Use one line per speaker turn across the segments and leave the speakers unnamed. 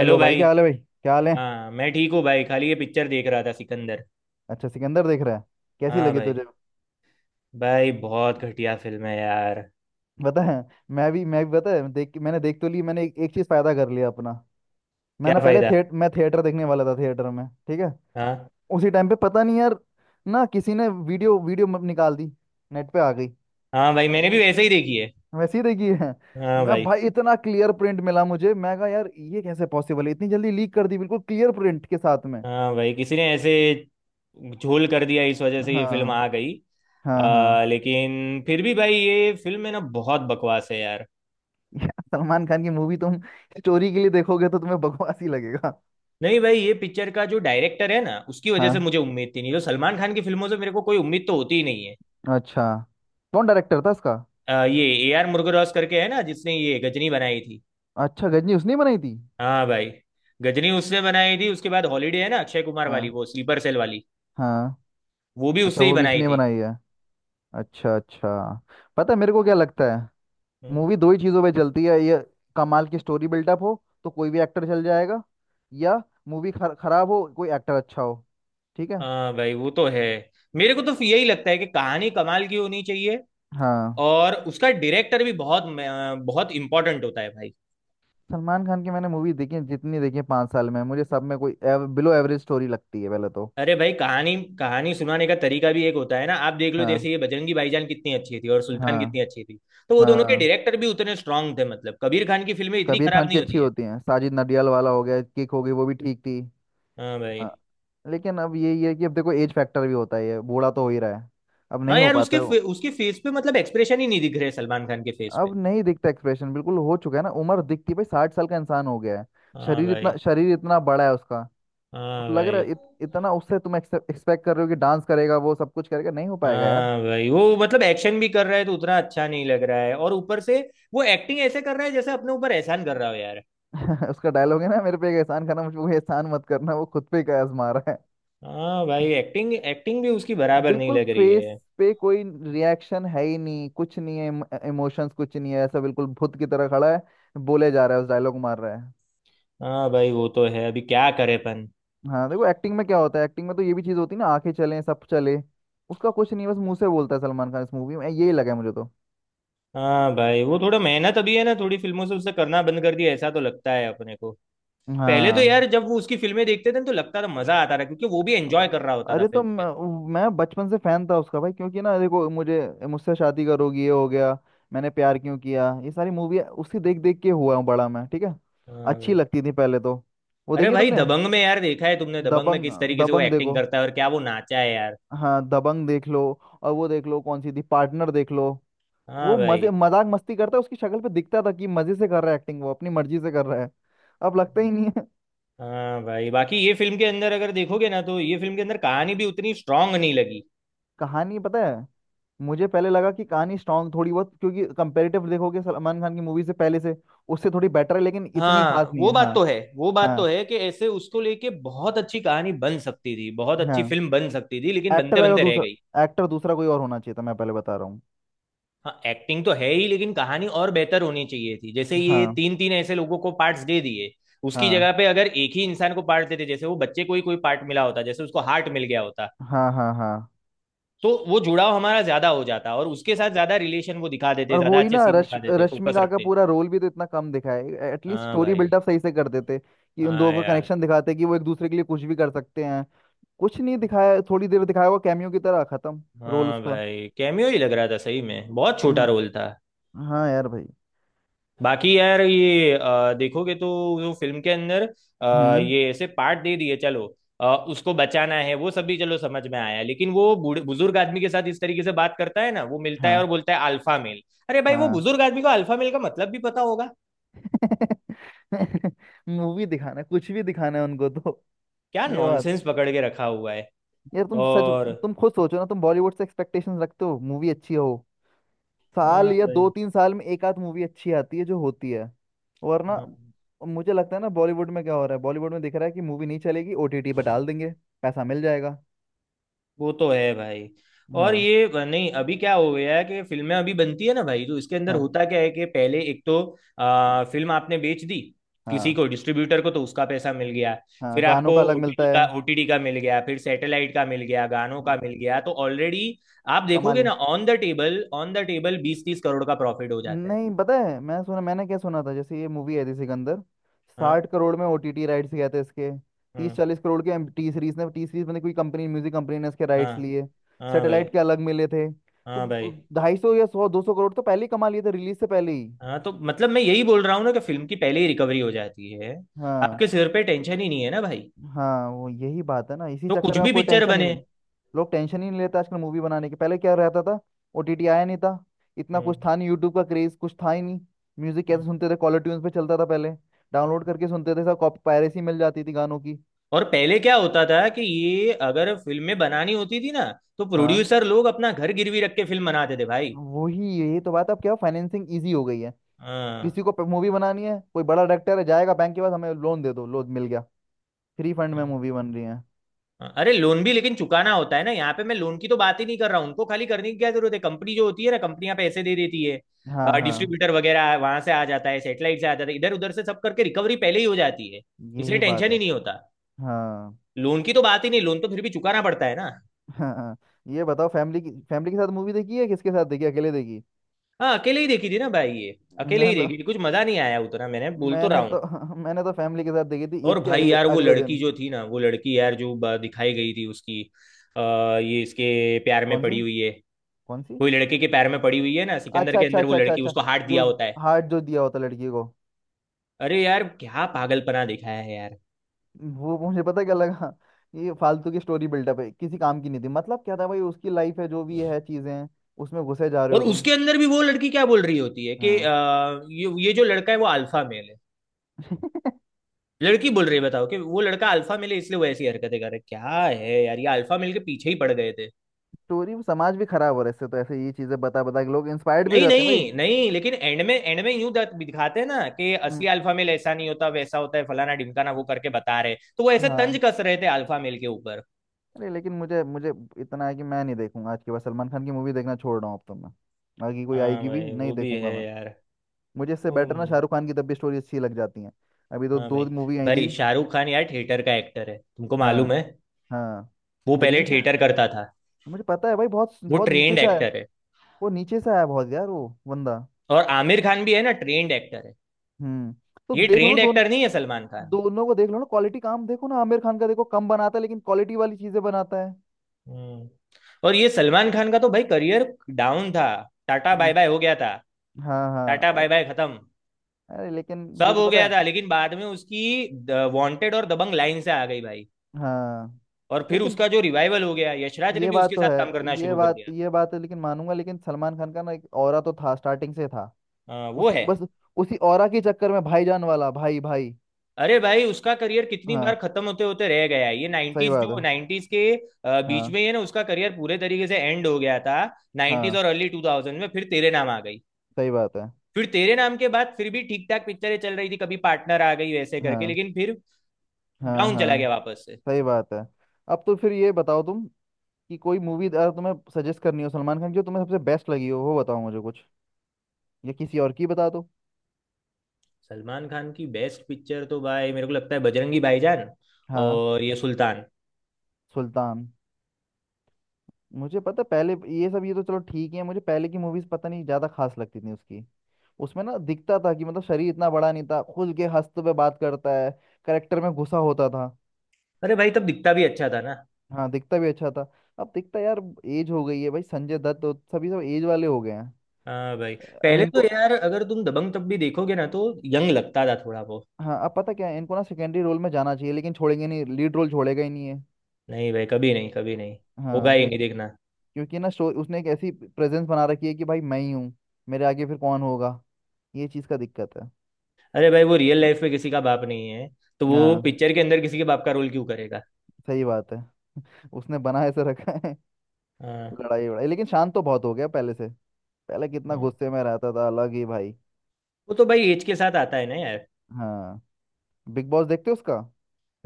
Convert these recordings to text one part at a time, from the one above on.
Hello
भाई,
भाई।
क्या हाल है? भाई, क्या हाल है?
हाँ, मैं ठीक हूँ भाई। खाली ये पिक्चर देख रहा था, सिकंदर।
अच्छा, सिकंदर देख रहा है। कैसी
हाँ
लगी
भाई।
तुझे?
भाई बहुत घटिया फिल्म है यार।
पता है। मैं भी पता है, देख मैंने देख तो ली। मैंने एक चीज फायदा कर लिया अपना। मैं
क्या
ना पहले
फायदा?
थिएट मैं थिएटर देखने वाला था, थिएटर में, ठीक है।
हाँ।
उसी टाइम पे पता नहीं यार, ना किसी ने वीडियो वीडियो म- निकाल दी, नेट पे आ गई।
हाँ भाई,
मैंने
मैंने भी
वो-
वैसे ही देखी है।
वैसे ही देखी है।
हाँ
मैं
भाई।
भाई, इतना क्लियर प्रिंट मिला मुझे, मैं कहा यार ये कैसे पॉसिबल है इतनी जल्दी लीक कर दी बिल्कुल क्लियर प्रिंट के साथ में।
हाँ भाई, किसी ने ऐसे झोल कर दिया, इस वजह से ये फिल्म
हाँ।
आ गई।
हाँ हाँ।
लेकिन फिर भी भाई ये फिल्म है ना, बहुत बकवास है यार।
यार सलमान खान की मूवी तुम स्टोरी के लिए देखोगे तो तुम्हें बकवास ही लगेगा।
नहीं भाई, ये पिक्चर का जो डायरेक्टर है ना, उसकी वजह से
हाँ।
मुझे उम्मीद थी, नहीं तो सलमान खान की फिल्मों से मेरे को कोई उम्मीद तो होती ही नहीं है।
अच्छा, कौन डायरेक्टर था इसका?
ये AR मुरुगदॉस करके है ना, जिसने ये गजनी बनाई थी।
अच्छा, गजनी उसने ही बनाई थी।
हाँ भाई। गजनी उसने बनाई थी, उसके बाद हॉलीडे है ना, अक्षय कुमार वाली,
हाँ।
वो स्लीपर सेल वाली।
हाँ।
वो भी
अच्छा,
उसने ही
वो भी
बनाई
इसने
थी।
बनाई है। अच्छा अच्छा। पता है मेरे को क्या लगता है?
हम्म।
मूवी दो ही चीज़ों पे चलती है ये। कमाल की स्टोरी बिल्डअप हो तो कोई भी एक्टर चल जाएगा, या मूवी खराब हो कोई एक्टर अच्छा हो। ठीक है।
हाँ भाई, वो तो है। मेरे को तो यही लगता है कि कहानी कमाल की होनी चाहिए।
हाँ।
और उसका डायरेक्टर भी बहुत बहुत इंपॉर्टेंट होता है भाई।
सलमान खान की मैंने मूवी देखी है, जितनी देखी है 5 साल में, मुझे सब में कोई बिलो एवरेज स्टोरी लगती है पहले तो।
अरे भाई, कहानी कहानी सुनाने का तरीका भी एक होता है ना। आप देख लो,
हाँ।
जैसे ये बजरंगी भाईजान कितनी अच्छी थी और सुल्तान
हाँ
कितनी अच्छी थी। तो वो दोनों के
हाँ।
डायरेक्टर भी उतने स्ट्रांग थे। मतलब कबीर खान की फिल्में इतनी
कबीर
खराब
खान
नहीं
की अच्छी
होती है।
होती हैं। साजिद नडियाल वाला हो गया, किक हो गई, वो भी ठीक थी।
हाँ भाई।
हाँ। लेकिन अब यही है कि, अब देखो, एज फैक्टर भी होता है, ये बूढ़ा तो हो ही रहा है। अब
हाँ
नहीं हो
यार,
पाता है वो।
उसके फेस पे मतलब एक्सप्रेशन ही नहीं दिख रहे सलमान खान के फेस पे।
अब नहीं दिखता एक्सप्रेशन, बिल्कुल हो चुका है ना, उम्र दिखती भाई, 60 साल का इंसान हो गया है।
हाँ
शरीर इतना,
भाई।
शरीर इतना बड़ा है उसका। अब
हाँ
लग रहा
भाई।
है इतना उससे तुम एक्सपेक्ट कर रहे हो कि डांस करेगा, वो सब कुछ करेगा, नहीं हो पाएगा यार।
हाँ भाई, वो मतलब एक्शन भी कर रहा है तो उतना अच्छा नहीं लग रहा है, और ऊपर से वो एक्टिंग ऐसे कर रहा है जैसे अपने ऊपर एहसान कर रहा हो यार।
उसका डायलॉग है ना, मेरे पे एक एहसान करना, मुझ पे कोई एहसान मत करना, वो खुद पे एक आजमा रहा है।
हाँ भाई, एक्टिंग एक्टिंग भी उसकी बराबर नहीं
बिल्कुल
लग रही
फेस
है।
पे कोई रिएक्शन है ही नहीं, कुछ नहीं है, इमोशंस कुछ नहीं है, ऐसा बिल्कुल भूत की तरह खड़ा है, बोले जा रहा है, उस डायलॉग मार रहा है।
हाँ भाई, वो तो है। अभी क्या करे अपन।
हाँ देखो, एक्टिंग में क्या होता है, एक्टिंग में तो ये भी चीज़ होती है ना, आंखें चले, सब चले। उसका कुछ नहीं है, बस मुंह से बोलता है सलमान खान इस मूवी में, यही लगा है मुझे तो।
हाँ भाई, वो थोड़ा मेहनत अभी है ना, थोड़ी फिल्मों से उससे करना बंद कर दिया, ऐसा तो लगता है अपने को। पहले तो
हाँ।
यार जब वो उसकी फिल्में देखते थे ना, तो लगता था, मजा आता था, क्योंकि वो भी एंजॉय कर रहा होता था
अरे तो
फिल्म के।
मैं बचपन से फैन था उसका भाई, क्योंकि ना देखो मुझे, मुझसे शादी करोगी, ये हो गया, मैंने प्यार क्यों किया, ये सारी मूवी उसी देख देख के हुआ हूँ बड़ा मैं, ठीक है।
हाँ
अच्छी
भाई।
लगती थी पहले तो। वो
अरे
देखिए
भाई,
तुमने
दबंग में यार देखा है तुमने, दबंग में
दबंग,
किस तरीके से वो
दबंग
एक्टिंग
देखो।
करता है और क्या वो नाचा है यार।
हाँ दबंग देख लो, और वो देख लो कौन सी थी, पार्टनर देख लो।
हाँ
वो
भाई।
मजे मजाक मस्ती करता है, उसकी शक्ल पे दिखता था कि मजे से कर रहा है एक्टिंग, वो अपनी मर्जी से कर रहा है। अब लगता ही नहीं है।
हाँ भाई, बाकी ये फिल्म के अंदर अगर देखोगे ना तो ये फिल्म के अंदर कहानी भी उतनी स्ट्रांग नहीं लगी।
कहानी पता है, मुझे पहले लगा कि कहानी स्ट्रांग थोड़ी बहुत, क्योंकि कंपेरेटिव देखोगे सलमान खान की मूवी से पहले से उससे थोड़ी बेटर है, लेकिन इतनी
हाँ,
खास नहीं
वो
है।
बात
हाँ।
तो है, वो बात तो
हाँ
है कि ऐसे उसको लेके बहुत अच्छी कहानी बन सकती थी, बहुत अच्छी
हाँ।
फिल्म बन सकती थी, लेकिन
एक्टर
बनते
अगर
बनते रह
दूसरा,
गई।
एक्टर दूसरा कोई और होना चाहिए था, मैं पहले बता रहा हूँ।
हाँ, एक्टिंग तो है ही लेकिन कहानी और बेहतर होनी चाहिए थी। जैसे ये
हाँ।
तीन तीन ऐसे लोगों को पार्ट्स दे दिए। उसकी
हाँ
जगह पे अगर एक ही इंसान को पार्ट देते, जैसे वो बच्चे को ही कोई पार्ट मिला होता, जैसे उसको हार्ट मिल गया होता,
हाँ हाँ। हाँ।
तो वो जुड़ाव हमारा ज्यादा हो जाता और उसके साथ ज्यादा रिलेशन वो दिखा देते,
और वो
ज्यादा
ही
अच्छे
ना,
सीन
रश
दिखा देते, फोकस
रश्मिका का
रखते।
पूरा रोल भी तो इतना कम दिखाया है, एटलीस्ट
हाँ
स्टोरी
भाई।
बिल्डअप सही से कर देते कि उन
हाँ
दोनों का
यार।
कनेक्शन दिखाते, कि वो एक दूसरे के लिए कुछ भी कर सकते हैं। कुछ नहीं दिखाया, थोड़ी देर दिखाया हुआ, कैमियो की तरह खत्म रोल
हाँ
उसका।
भाई, कैमियो ही लग रहा था, सही में बहुत छोटा
हाँ।
रोल था।
हाँ यार भाई।
बाकी यार, ये देखोगे तो वो फिल्म के अंदर
हम्म।
ये ऐसे पार्ट दे दिए, चलो। उसको बचाना है, वो सब भी चलो, समझ में आया। लेकिन वो बूढ़े बुजुर्ग आदमी के साथ इस तरीके से बात करता है ना, वो मिलता है और
हाँ।
बोलता है अल्फा मेल। अरे भाई, वो
हाँ।
बुजुर्ग आदमी को अल्फा मेल का मतलब भी पता होगा?
मूवी दिखाना, कुछ भी दिखाना है उनको तो।
क्या
ये बात,
नॉनसेंस पकड़ के रखा हुआ है।
यार तुम सच,
और।
तुम खुद सोचो ना, तुम बॉलीवुड से एक्सपेक्टेशंस रखते हो मूवी अच्छी हो। साल
हाँ
या दो
भाई।
तीन साल में एक आध मूवी अच्छी आती है, जो होती है। वरना,
हाँ,
मुझे लगता है ना, बॉलीवुड में क्या हो रहा है, बॉलीवुड में दिख रहा है कि मूवी नहीं चलेगी ओटीटी पर डाल देंगे, पैसा मिल जाएगा।
वो तो है भाई। और
हाँ।
ये नहीं, अभी क्या हो गया है कि फिल्में अभी बनती है ना भाई, तो इसके अंदर
हाँ
होता क्या है कि पहले एक तो
हाँ।
फिल्म आपने बेच दी। किसी
हाँ
को डिस्ट्रीब्यूटर को, तो उसका पैसा मिल गया।
हाँ
फिर आपको
गानों का अलग मिलता
ओटीटी
है।
का ओटीटी का मिल गया, फिर सैटेलाइट का मिल गया, गानों का
हाँ।
मिल गया, तो ऑलरेडी आप
कमाल
देखोगे
ही।
ना, ऑन द टेबल 20-30 करोड़ का प्रॉफिट हो जाता है।
नहीं पता है, मैं सुना, मैंने क्या सुना था, जैसे ये मूवी आई थी सिकंदर, साठ
हाँ।
करोड़ में ओटीटी राइट्स गए थे इसके,
हाँ।
30-40 करोड़ के, टी सीरीज ने, टी सीरीज में कोई कंपनी, म्यूजिक कंपनी ने इसके
हाँ।
राइट्स लिए,
हाँ भाई।
सैटेलाइट के अलग मिले थे,
हाँ
तो
भाई।
250 या 100-200 करोड़ तो पहले ही कमा लिए थे रिलीज से पहले ही।
हाँ, तो मतलब मैं यही बोल रहा हूँ ना कि फिल्म की पहले ही रिकवरी हो जाती है।
हाँ।
आपके सिर पे टेंशन ही नहीं है ना भाई।
हाँ वो यही बात है ना, इसी
तो
चक्कर
कुछ
में आप
भी
कोई
पिक्चर
टेंशन ही,
बने।
लोग टेंशन ही नहीं लेते आजकल मूवी बनाने की, पहले क्या रहता था, ओटीटी आया नहीं था, इतना कुछ
हम्म।
था नहीं, यूट्यूब का क्रेज कुछ था ही नहीं। म्यूजिक
हम्म।
कैसे सुनते थे, कॉलर ट्यून्स पे चलता था पहले, डाउनलोड करके सुनते थे, सब कॉपी पायरेसी मिल जाती थी गानों की।
और पहले क्या होता था कि ये अगर फिल्में बनानी होती थी ना, तो
हाँ
प्रोड्यूसर लोग अपना घर गिरवी रख के फिल्म बनाते थे भाई।
वही, यही तो बात है, अब क्या फाइनेंसिंग इजी हो गई है।
हाँ।
किसी को मूवी बनानी है, कोई बड़ा डायरेक्टर है, जाएगा बैंक के पास, हमें लोन दे दो, लोन मिल गया, फ्री फंड में
हाँ
मूवी बन रही है।
हाँ। अरे लोन भी लेकिन चुकाना होता है ना यहाँ पे, मैं लोन की तो बात ही नहीं कर रहा हूँ। उनको खाली करने की क्या जरूरत है, कंपनी जो होती है ना, कंपनियां पैसे दे देती
हाँ
है।
हाँ
डिस्ट्रीब्यूटर वगैरह वहां से आ जाता है, सेटेलाइट से आ जाता है, इधर उधर से सब करके रिकवरी पहले ही हो जाती है। इसलिए
यही बात
टेंशन
है।
ही नहीं होता।
हाँ
लोन की तो बात ही नहीं, लोन तो फिर भी चुकाना पड़ता है ना।
हाँ हाँ। ये बताओ फैमिली की, फैमिली के साथ मूवी देखी है, किसके साथ देखी, अकेले देखी?
हाँ, अकेले ही देखी थी ना भाई, ये अकेले ही
मैंने तो,
देखी थी, कुछ मजा नहीं आया उतना, मैंने बोल तो रहा
मैंने
हूँ।
तो मैंने तो फैमिली के साथ देखी थी,
और
ईद के
भाई
अगले
यार, वो
अगले
लड़की
दिन।
जो थी ना, वो लड़की यार, जो दिखाई गई थी उसकी। ये इसके प्यार में
कौन सी?
पड़ी हुई है।
कौन सी?
कोई लड़के के प्यार में पड़ी हुई है ना सिकंदर
अच्छा
के
अच्छा
अंदर, वो
अच्छा अच्छा
लड़की,
अच्छा।
उसको हार्ट
जो
दिया होता है।
हार्ट जो दिया होता लड़की को,
अरे यार, क्या पागलपना दिखाया है यार।
वो, मुझे पता क्या लगा, ये फालतू की स्टोरी बिल्डअप है, किसी काम की नहीं थी, मतलब क्या था भाई, उसकी लाइफ है जो भी है, चीजें हैं, उसमें घुसे जा रहे
और
हो तुम।
उसके अंदर भी वो लड़की क्या बोल रही होती है कि
हाँ।
ये जो लड़का है वो अल्फा मेल है। लड़की बोल रही है बताओ, कि वो लड़का अल्फा मेल है इसलिए वो ऐसी हरकतें कर रहा है। क्या है यार, ये अल्फा मेल के पीछे ही पड़ गए।
स्टोरी, समाज भी खराब हो रहा है इससे तो, ऐसे ये चीजें बता बता के लोग इंस्पायर्ड भी हो
नहीं
जाते हैं भाई।
नहीं नहीं, लेकिन एंड में, एंड में यूं दिखाते हैं ना कि
हम्म।
असली अल्फा मेल ऐसा नहीं होता, वैसा होता है, फलाना ढिमकाना, वो करके बता रहे, तो वो ऐसे तंज
हाँ।
कस रहे थे अल्फा मेल के ऊपर।
अरे लेकिन मुझे, मुझे इतना है कि मैं नहीं देखूंगा आज के बाद, सलमान खान की मूवी देखना छोड़ रहा हूँ अब तो मैं, आगे कोई
हाँ
आएगी भी
भाई,
नहीं
वो भी
देखूंगा
है
मैं।
यार।
मुझे इससे बेटर ना
हम्म।
शाहरुख खान की, तब भी स्टोरी अच्छी लग जाती है, अभी तो
हाँ भाई।
दो मूवी आई थी।
भाई शाहरुख खान यार थिएटर का एक्टर है, तुमको
हाँ।
मालूम है?
हाँ।
वो पहले
दिल्ली से,
थिएटर करता था।
मुझे पता है भाई, बहुत
वो
बहुत नीचे
ट्रेंड
से आया,
एक्टर है।
वो नीचे से आया बहुत यार वो बंदा।
और आमिर खान भी है ना, ट्रेंड एक्टर है।
हम्म। तो
ये
देख लो ना
ट्रेंड
दोनों,
एक्टर नहीं है सलमान खान।
दोनों को देख लो ना, क्वालिटी काम देखो ना, आमिर खान का देखो, कम बनाता है लेकिन क्वालिटी वाली चीजें बनाता है।
हम्म। और ये सलमान खान का तो भाई करियर डाउन था। टाटा बाय
हम्म।
बाय हो गया था।
हाँ हाँ।
टाटा बाय
अरे,
बाय खत्म।
अरे लेकिन
सब
देखो
हो
पता
गया
है।
था, लेकिन बाद में उसकी वांटेड और दबंग लाइन से आ गई भाई।
हाँ
और फिर
लेकिन
उसका जो रिवाइवल हो गया, यशराज ने
ये
भी
बात
उसके
तो
साथ काम
है,
करना
ये
शुरू कर
बात,
दिया।
ये बात है लेकिन, मानूंगा, लेकिन सलमान खान का ना एक ऑरा तो था स्टार्टिंग से था,
वो
उसी बस,
है।
उसी ऑरा के चक्कर में भाईजान वाला, भाई भाई।
अरे भाई, उसका करियर कितनी बार
हाँ
खत्म होते होते रह गया है। ये
सही
90s,
बात
जो
है।
नाइन्टीज के बीच
हाँ
में, ये ना उसका करियर पूरे तरीके से एंड हो गया था। नाइन्टीज
हाँ
और अर्ली 2000 में फिर तेरे नाम आ गई।
सही बात है।
फिर तेरे नाम के बाद फिर भी ठीक ठाक पिक्चरें चल रही थी, कभी पार्टनर आ गई वैसे करके,
हाँ
लेकिन फिर
हाँ
डाउन चला
हाँ
गया वापस से।
सही बात है। अब तो फिर ये बताओ तुम कि कोई मूवी अगर तुम्हें सजेस्ट करनी हो सलमान खान की, जो तुम्हें सबसे बेस्ट लगी हो वो बताओ मुझे कुछ, या किसी और की बता दो।
सलमान खान की बेस्ट पिक्चर तो भाई मेरे को लगता है बजरंगी भाईजान।
हाँ
और ये सुल्तान।
सुल्तान, मुझे पता, पहले ये सब, ये तो चलो ठीक है, मुझे पहले की मूवीज पता नहीं, ज्यादा खास लगती थी उसकी, उसमें ना दिखता था कि मतलब शरीर इतना बड़ा नहीं था, खुल के हंसते हुए बात करता है, करेक्टर में घुसा होता था।
अरे भाई, तब दिखता भी अच्छा था ना।
हाँ दिखता भी अच्छा था। अब दिखता यार, एज हो गई है भाई, संजय दत्त तो सभी, सब एज वाले हो गए हैं।
हाँ भाई।
अब
पहले तो
इनको,
यार अगर तुम दबंग तब भी देखोगे ना, तो यंग लगता था थोड़ा वो।
हाँ अब पता क्या है, इनको ना सेकेंडरी रोल में जाना चाहिए, लेकिन छोड़ेंगे नहीं, लीड रोल छोड़ेगा ही नहीं है।
नहीं भाई, कभी नहीं कभी नहीं, होगा
हाँ
ही
क्योंकि,
नहीं, देखना।
क्योंकि ना शो, उसने एक ऐसी प्रेजेंस बना रखी है कि भाई मैं ही हूँ, मेरे आगे फिर कौन होगा, ये चीज़ का दिक्कत है।
अरे भाई, वो रियल लाइफ में किसी का बाप नहीं है, तो वो
हाँ
पिक्चर के अंदर किसी के बाप का रोल क्यों करेगा।
सही बात है, उसने बना ऐसे रखा है।
हाँ
लड़ाई वड़ाई, लेकिन शांत तो बहुत हो गया पहले से, पहले कितना
हाँ।
गुस्से में रहता था, अलग ही भाई।
वो तो भाई एज के साथ आता है ना यार।
हाँ। बिग बॉस देखते हो उसका?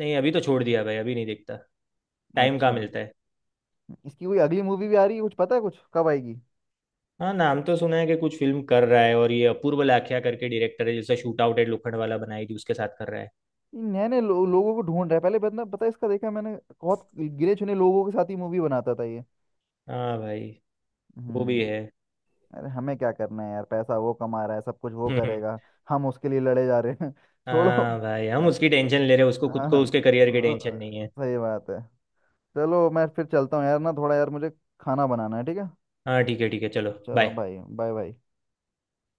नहीं, अभी तो छोड़ दिया भाई, अभी नहीं देखता। टाइम कहाँ
अच्छा।
मिलता है।
इसकी कोई अगली मूवी भी आ रही है कुछ पता है, कुछ कब आएगी?
हाँ, नाम तो सुना है कि कुछ फिल्म कर रहा है, और ये अपूर्व लाखिया करके डायरेक्टर है, जिसने shoot out at Lokhandwala बनाई थी, उसके साथ कर रहा है।
ये नए नए लोगों को ढूंढ रहा है, पहले बंदा पता है इसका, देखा मैंने, बहुत गिने चुने लोगों के साथ ही मूवी बनाता था ये।
हाँ भाई, वो
हम्म।
भी है।
अरे हमें क्या करना है यार, पैसा वो कमा रहा है, सब कुछ वो
हम्म।
करेगा, हम उसके लिए लड़े जा रहे हैं। छोड़ो
हाँ भाई, हम
यार।
उसकी टेंशन ले रहे हैं, उसको खुद को
हाँ।
उसके करियर की टेंशन
अ,
नहीं है।
सही बात है। चलो मैं फिर चलता हूँ यार, ना थोड़ा यार मुझे खाना बनाना है, ठीक है?
हाँ ठीक है ठीक है, चलो
चलो
बाय।
भाई, बाय बाय।